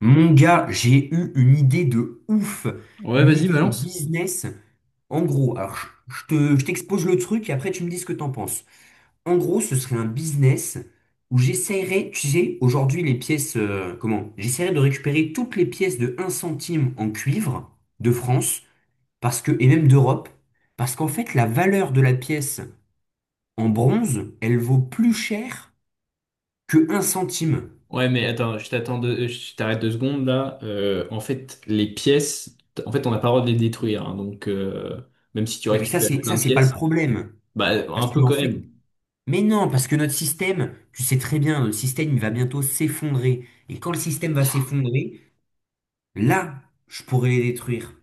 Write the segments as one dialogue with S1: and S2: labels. S1: Mon gars, j'ai eu une idée de ouf,
S2: Ouais,
S1: une
S2: vas-y,
S1: idée de
S2: balance.
S1: business. En gros, je t'expose le truc et après tu me dis ce que t'en penses. En gros, ce serait un business où j'essaierais, tu sais, aujourd'hui les pièces, comment? J'essaierais de récupérer toutes les pièces de un centime en cuivre de France, parce que, et même d'Europe, parce qu'en fait la valeur de la pièce en bronze, elle vaut plus cher que un centime.
S2: Ouais, mais attends, je t'arrête 2 secondes là. En fait, les pièces, en fait, on n'a pas le droit de les détruire, hein. Donc, même si tu
S1: Non mais ça
S2: récupères
S1: c'est
S2: plein
S1: ça
S2: de
S1: c'est pas le
S2: pièces,
S1: problème.
S2: bah, un
S1: Parce que
S2: peu
S1: en
S2: quand
S1: fait,
S2: même.
S1: mais non, parce que notre système, tu sais très bien, notre système, il va bientôt s'effondrer. Et quand le système va s'effondrer, là, je pourrais les détruire.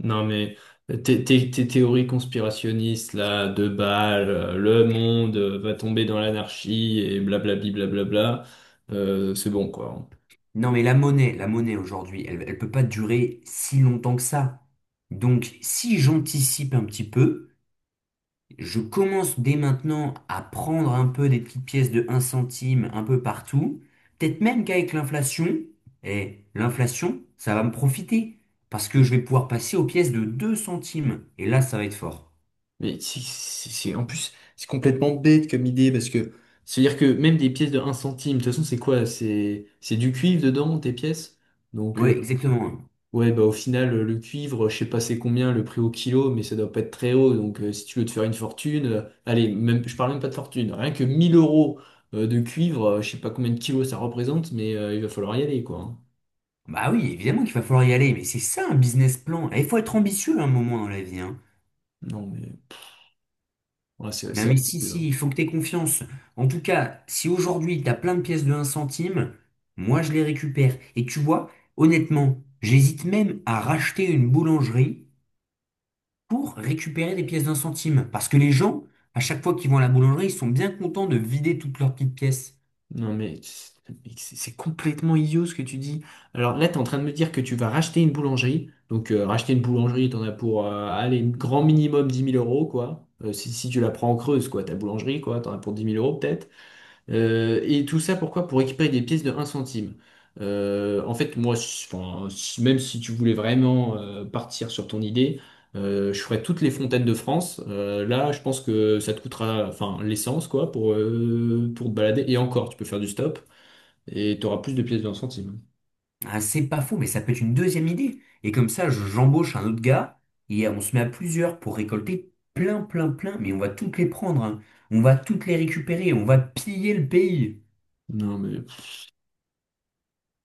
S2: Non, mais tes théories conspirationnistes là, de balles, le monde va tomber dans l'anarchie et blablabli, blablabla, c'est bon quoi.
S1: Non, mais la monnaie aujourd'hui, elle, elle peut pas durer si longtemps que ça. Donc, si j'anticipe un petit peu, je commence dès maintenant à prendre un peu des petites pièces de un centime un peu partout. Peut-être même qu'avec l'inflation, et l'inflation, ça va me profiter. Parce que je vais pouvoir passer aux pièces de 2 centimes. Et là, ça va être fort.
S2: Mais en plus, c'est complètement bête comme idée parce que c'est-à-dire que même des pièces de un centime, de toute façon, c'est quoi? C'est du cuivre dedans, tes pièces? Donc,
S1: Oui, exactement.
S2: ouais, bah au final, le cuivre, je sais pas c'est combien le prix au kilo, mais ça doit pas être très haut. Donc, si tu veux te faire une fortune, allez, même, je parle même pas de fortune, rien que 1 000 euros de cuivre, je sais pas combien de kilos ça représente, mais il va falloir y aller, quoi, hein.
S1: Bah oui, évidemment qu'il va falloir y aller, mais c'est ça un business plan. Et il faut être ambitieux à un moment dans la vie. Hein.
S2: Non, mais ouais, c'est
S1: Non,
S2: c'est
S1: mais si,
S2: ridicule,
S1: si,
S2: hein.
S1: il faut que tu aies confiance. En tout cas, si aujourd'hui tu as plein de pièces de un centime, moi je les récupère. Et tu vois, honnêtement, j'hésite même à racheter une boulangerie pour récupérer des pièces d'un centime. Parce que les gens, à chaque fois qu'ils vont à la boulangerie, ils sont bien contents de vider toutes leurs petites pièces.
S2: Non, mais c'est complètement idiot ce que tu dis. Alors là, tu es en train de me dire que tu vas racheter une boulangerie. Donc, racheter une boulangerie, tu en as pour, allez, grand minimum 10 000 euros, quoi. Si tu la prends en creuse, quoi, ta boulangerie, quoi, tu en as pour 10 000 euros peut-être. Et tout ça pourquoi? Pour récupérer des pièces de un centime. En fait, moi, même si tu voulais vraiment partir sur ton idée, je ferais toutes les fontaines de France. Là, je pense que ça te coûtera, enfin, l'essence, quoi, pour te balader. Et encore, tu peux faire du stop et tu auras plus de pièces de un centime.
S1: Ah, c'est pas faux, mais ça peut être une deuxième idée. Et comme ça, j'embauche un autre gars et on se met à plusieurs pour récolter plein, plein, plein. Mais on va toutes les prendre, hein. On va toutes les récupérer. On va piller le pays.
S2: Non, mais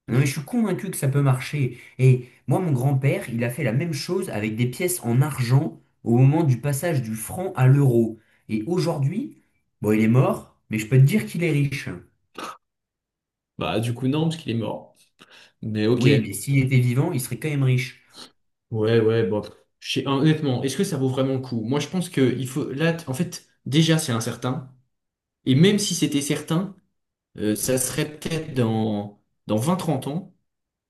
S1: Non, mais je suis convaincu que ça peut marcher. Et moi, mon grand-père, il a fait la même chose avec des pièces en argent au moment du passage du franc à l'euro. Et aujourd'hui, bon, il est mort, mais je peux te dire qu'il est riche.
S2: bah, du coup, non, parce qu'il est mort. Mais ok.
S1: Oui, mais s'il était vivant, il serait quand même riche.
S2: Ouais, ouais, bon. Honnêtement, est-ce que ça vaut vraiment le coup? Moi, je pense que il faut. Là, en fait, déjà, c'est incertain. Et même si c'était certain, ça serait peut-être dans 20-30 ans.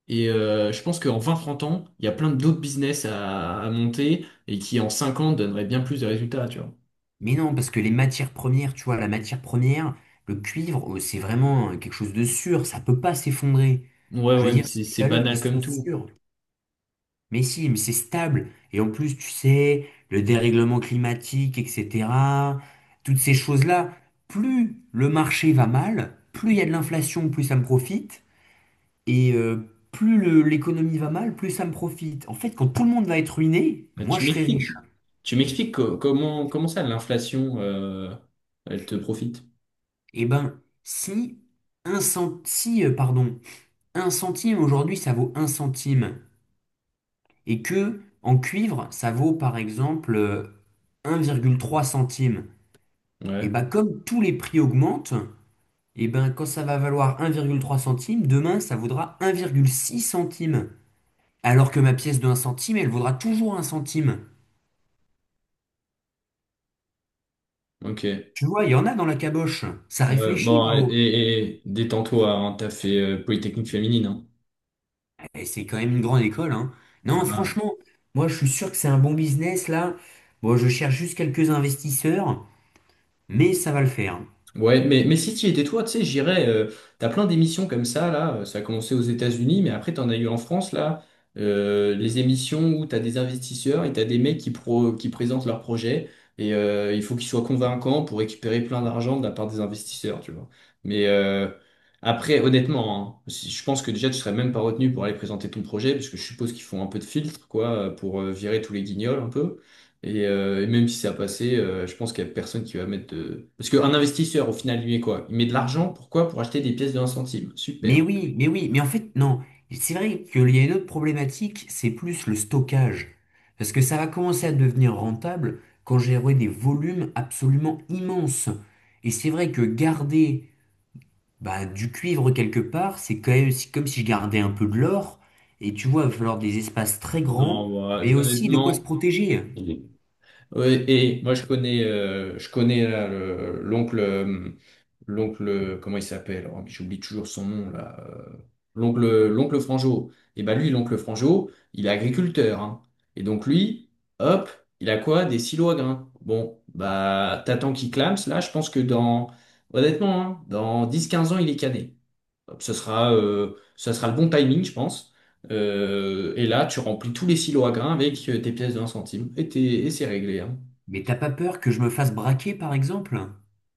S2: Et je pense qu'en 20-30 ans, il y a plein d'autres business à monter et qui en 5 ans donneraient bien plus de résultats, tu vois.
S1: Mais non, parce que les matières premières, tu vois, la matière première, le cuivre, c'est vraiment quelque chose de sûr, ça peut pas s'effondrer.
S2: Ouais,
S1: Je
S2: ouais,
S1: veux
S2: mais
S1: dire,
S2: c'est
S1: c'est des
S2: c'est
S1: valeurs qui
S2: banal
S1: sont
S2: comme tout.
S1: sûres. Mais si, mais c'est stable. Et en plus, tu sais, le dérèglement climatique, etc., toutes ces choses-là, plus le marché va mal, plus il y a de l'inflation, plus ça me profite. Et l'économie va mal, plus ça me profite. En fait, quand tout le monde va être ruiné,
S2: Bah,
S1: moi
S2: tu
S1: je serai riche.
S2: m'expliques. Tu m'expliques comment ça, l'inflation, elle te profite.
S1: Eh ben, si, pardon, un centime aujourd'hui, ça vaut un centime. Et que en cuivre, ça vaut par exemple 1,3 centime. Et
S2: Ouais,
S1: bah comme tous les prix augmentent, et ben quand ça va valoir 1,3 centime, demain ça vaudra 1,6 centime. Alors que ma pièce de un centime, elle vaudra toujours un centime.
S2: ok.
S1: Tu vois, il y en a dans la caboche. Ça
S2: Ouais,
S1: réfléchit
S2: bon, et,
S1: là-haut.
S2: et- et détends-toi, hein, t'as fait Polytechnique féminine, hein.
S1: Eh, c'est quand même une grande école, hein. Non,
S2: Ah,
S1: franchement, moi je suis sûr que c'est un bon business là. Bon, je cherche juste quelques investisseurs, mais ça va le faire.
S2: ouais, mais si tu étais toi, tu sais, j'irais. T'as plein d'émissions comme ça, là. Ça a commencé aux États-Unis, mais après, t'en as eu en France, là. Les émissions où t'as des investisseurs et t'as des mecs qui présentent leurs projets. Et il faut qu'ils soient convaincants pour récupérer plein d'argent de la part des investisseurs, tu vois. Mais après, honnêtement, hein, je pense que déjà, tu serais même pas retenu pour aller présenter ton projet, parce que je suppose qu'ils font un peu de filtre, quoi, pour virer tous les guignols, un peu. Et même si ça a passé, je pense qu'il n'y a personne qui va mettre de... Parce qu'un investisseur, au final, lui, est quoi? Il met de l'argent, pourquoi? Pour acheter des pièces de un centime.
S1: Mais
S2: Super.
S1: oui, mais oui, mais en fait, non. C'est vrai qu'il y a une autre problématique, c'est plus le stockage. Parce que ça va commencer à devenir rentable quand j'aurai des volumes absolument immenses. Et c'est vrai que garder bah, du cuivre quelque part, c'est quand même comme si je gardais un peu de l'or. Et tu vois, il va falloir des espaces très grands,
S2: Non, moi,
S1: mais aussi de quoi se
S2: honnêtement...
S1: protéger.
S2: Ouais, et moi, je connais là, l'oncle. L'oncle, comment il s'appelle? Oh, mais j'oublie toujours son nom là. L'oncle Franjo. Et ben lui, l'oncle Franjo, il est agriculteur, hein. Et donc lui, hop, il a quoi? Des silos à grains. Bon, bah t'attends qu'il clame, là, je pense que dans, honnêtement, hein, dans 10-15 ans, il est cané. Hop, ce sera le bon timing, je pense. Et là, tu remplis tous les silos à grains avec tes pièces de un centime et, et c'est réglé, hein.
S1: Mais t'as pas peur que je me fasse braquer, par exemple?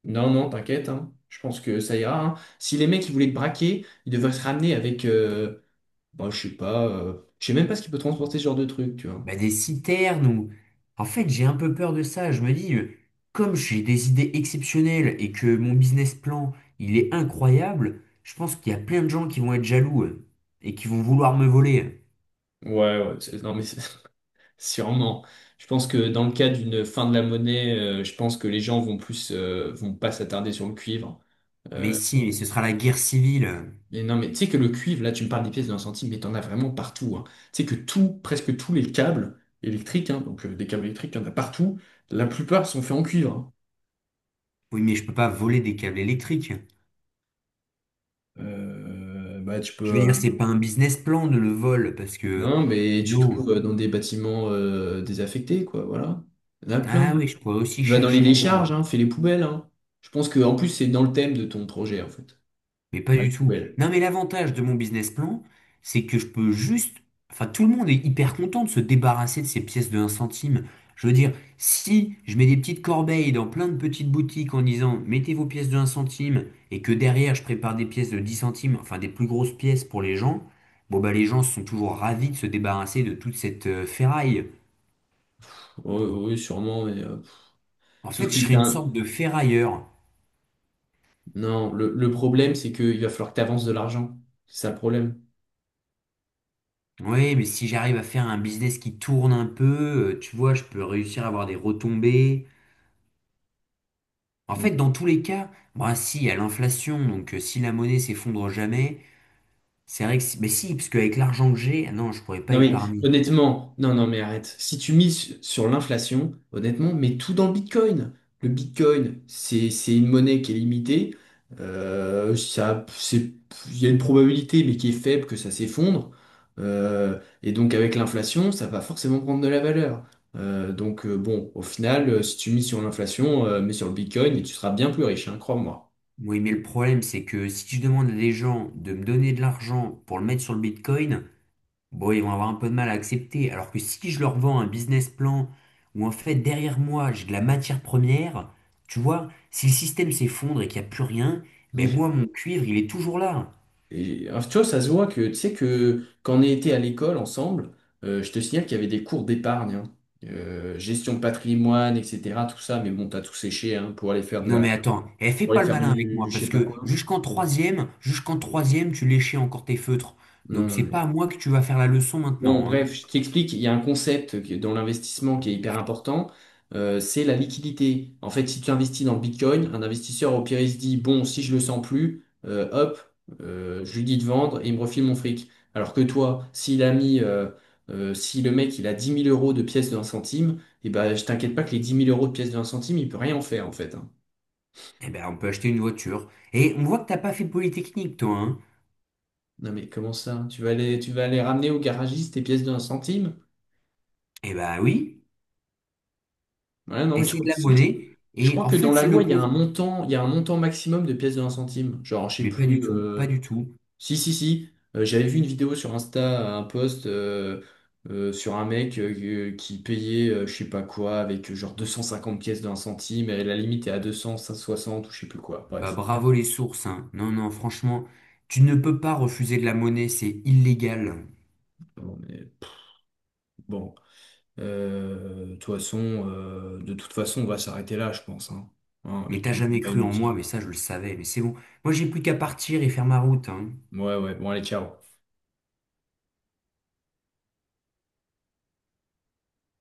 S2: Non, non, t'inquiète, hein. Je pense que ça ira, hein. Si les mecs ils voulaient te braquer, ils devraient se ramener avec, bah, je sais pas, je sais même pas ce qu'ils peut transporter ce genre de truc, tu vois.
S1: Bah, des citernes ou... En fait, j'ai un peu peur de ça. Je me dis, comme j'ai des idées exceptionnelles et que mon business plan, il est incroyable, je pense qu'il y a plein de gens qui vont être jaloux et qui vont vouloir me voler.
S2: Ouais, ouais, non mais sûrement. Je pense que dans le cas d'une fin de la monnaie, je pense que les gens vont plus, vont pas s'attarder sur le cuivre.
S1: Mais
S2: Euh,
S1: si, mais ce sera la guerre civile.
S2: mais non, mais tu sais que le cuivre, là, tu me parles des pièces d'un centime, mais t'en as vraiment partout, hein. Tu sais que tout, presque tous les câbles électriques, hein, donc des câbles électriques, il y en a partout. La plupart sont faits en cuivre, hein.
S1: Oui, mais je peux pas voler des câbles électriques.
S2: Bah, tu
S1: Je veux
S2: peux.
S1: dire, c'est pas un business plan de le vol parce que
S2: Non, mais tu
S1: sinon...
S2: trouves dans des bâtiments désaffectés, quoi, voilà. Il y en a plein.
S1: Ah oui, je pourrais aussi
S2: Tu vas dans les
S1: chercher là-bas.
S2: décharges, hein, fais les poubelles, hein. Je pense que en plus c'est dans le thème de ton projet, en fait.
S1: Mais pas
S2: Ah,
S1: du
S2: les
S1: tout.
S2: poubelles.
S1: Non, mais l'avantage de mon business plan, c'est que je peux juste... Enfin, tout le monde est hyper content de se débarrasser de ces pièces de un centime. Je veux dire, si je mets des petites corbeilles dans plein de petites boutiques en disant mettez vos pièces de un centime et que derrière je prépare des pièces de 10 centimes, enfin des plus grosses pièces pour les gens, bon bah les gens sont toujours ravis de se débarrasser de toute cette ferraille.
S2: Oui, oui, sûrement, mais
S1: En
S2: sauf
S1: fait, je
S2: que
S1: serais une sorte de ferrailleur.
S2: non, le problème, c'est qu'il va falloir que tu avances de l'argent. C'est ça le problème.
S1: Oui, mais si j'arrive à faire un business qui tourne un peu, tu vois, je peux réussir à avoir des retombées. En fait, dans tous les cas, bah si, il y a l'inflation, donc si la monnaie s'effondre jamais, c'est vrai que si, mais si, parce qu'avec l'argent que j'ai, ah non, je pourrais pas
S2: Non mais
S1: épargner.
S2: honnêtement, non non mais arrête. Si tu mises sur l'inflation, honnêtement, mets tout dans le Bitcoin. Le Bitcoin, c'est une monnaie qui est limitée. Ça, c'est, il y a une probabilité, mais qui est faible que ça s'effondre. Et donc avec l'inflation, ça va forcément prendre de la valeur. Donc, bon, au final, si tu mises sur l'inflation, mets sur le Bitcoin et tu seras bien plus riche, hein, crois-moi.
S1: Oui, mais le problème, c'est que si je demande à des gens de me donner de l'argent pour le mettre sur le Bitcoin, bon, ils vont avoir un peu de mal à accepter. Alors que si je leur vends un business plan où en fait derrière moi j'ai de la matière première, tu vois, si le système s'effondre et qu'il n'y a plus rien, ben moi mon cuivre il est toujours là.
S2: Et, alors, tu vois, ça se voit que, tu sais, que quand on était à l'école ensemble, je te signale qu'il y avait des cours d'épargne, hein. Gestion de patrimoine, etc., tout ça, mais bon, t'as tout séché, hein,
S1: Non mais attends, eh, fais
S2: pour
S1: pas
S2: aller
S1: le
S2: faire
S1: malin avec
S2: du
S1: moi,
S2: je
S1: parce
S2: sais pas
S1: que
S2: quoi.
S1: jusqu'en troisième, tu léchais encore tes feutres.
S2: Non,
S1: Donc
S2: non,
S1: c'est pas à moi que tu vas faire la leçon
S2: Bon,
S1: maintenant, hein.
S2: bref, je t'explique, il y a un concept dans l'investissement qui est hyper important, c'est la liquidité. En fait, si tu investis dans le Bitcoin, un investisseur au pire, il se dit, bon, si je le sens plus, hop, je lui dis de vendre et il me refile mon fric. Alors que toi, s'il a mis, si le mec, il a 10 000 euros de pièces de un centime, et ben, je t'inquiète pas que les 10 000 euros de pièces de un centime, il peut rien en faire, en fait, hein.
S1: Eh ben on peut acheter une voiture. Et on voit que t'as pas fait Polytechnique, toi, hein.
S2: Non mais comment ça? Tu vas aller ramener au garagiste tes pièces de un centime?
S1: Eh ben oui,
S2: Ouais, non,
S1: et
S2: mais je
S1: c'est
S2: crois
S1: de la
S2: aussi que,
S1: monnaie.
S2: je
S1: Et
S2: crois
S1: en
S2: que dans
S1: fait,
S2: la
S1: c'est le
S2: loi, il y a
S1: compte.
S2: un montant, il y a un montant maximum de pièces de un centime. Genre, je sais
S1: Mais pas du
S2: plus.
S1: tout, pas du tout.
S2: Si, si, si. J'avais vu une vidéo sur Insta, un post sur un mec qui payait, je sais pas quoi, avec genre 250 pièces de un centime, et la limite est à 200, 160 ou je sais plus quoi.
S1: Bah
S2: Bref.
S1: bravo les sources, hein. Non, non, franchement, tu ne peux pas refuser de la monnaie, c'est illégal.
S2: Bon, mais, pff, bon. Euh, de toute façon, de toute façon, on va s'arrêter là, je pense. Hein, hein,
S1: Mais
S2: avec
S1: t'as
S2: tout le
S1: jamais
S2: débat
S1: cru en moi,
S2: inutile.
S1: mais ça je le savais, mais c'est bon. Moi j'ai plus qu'à partir et faire ma route, hein.
S2: Ouais, ouais. Bon, allez, ciao.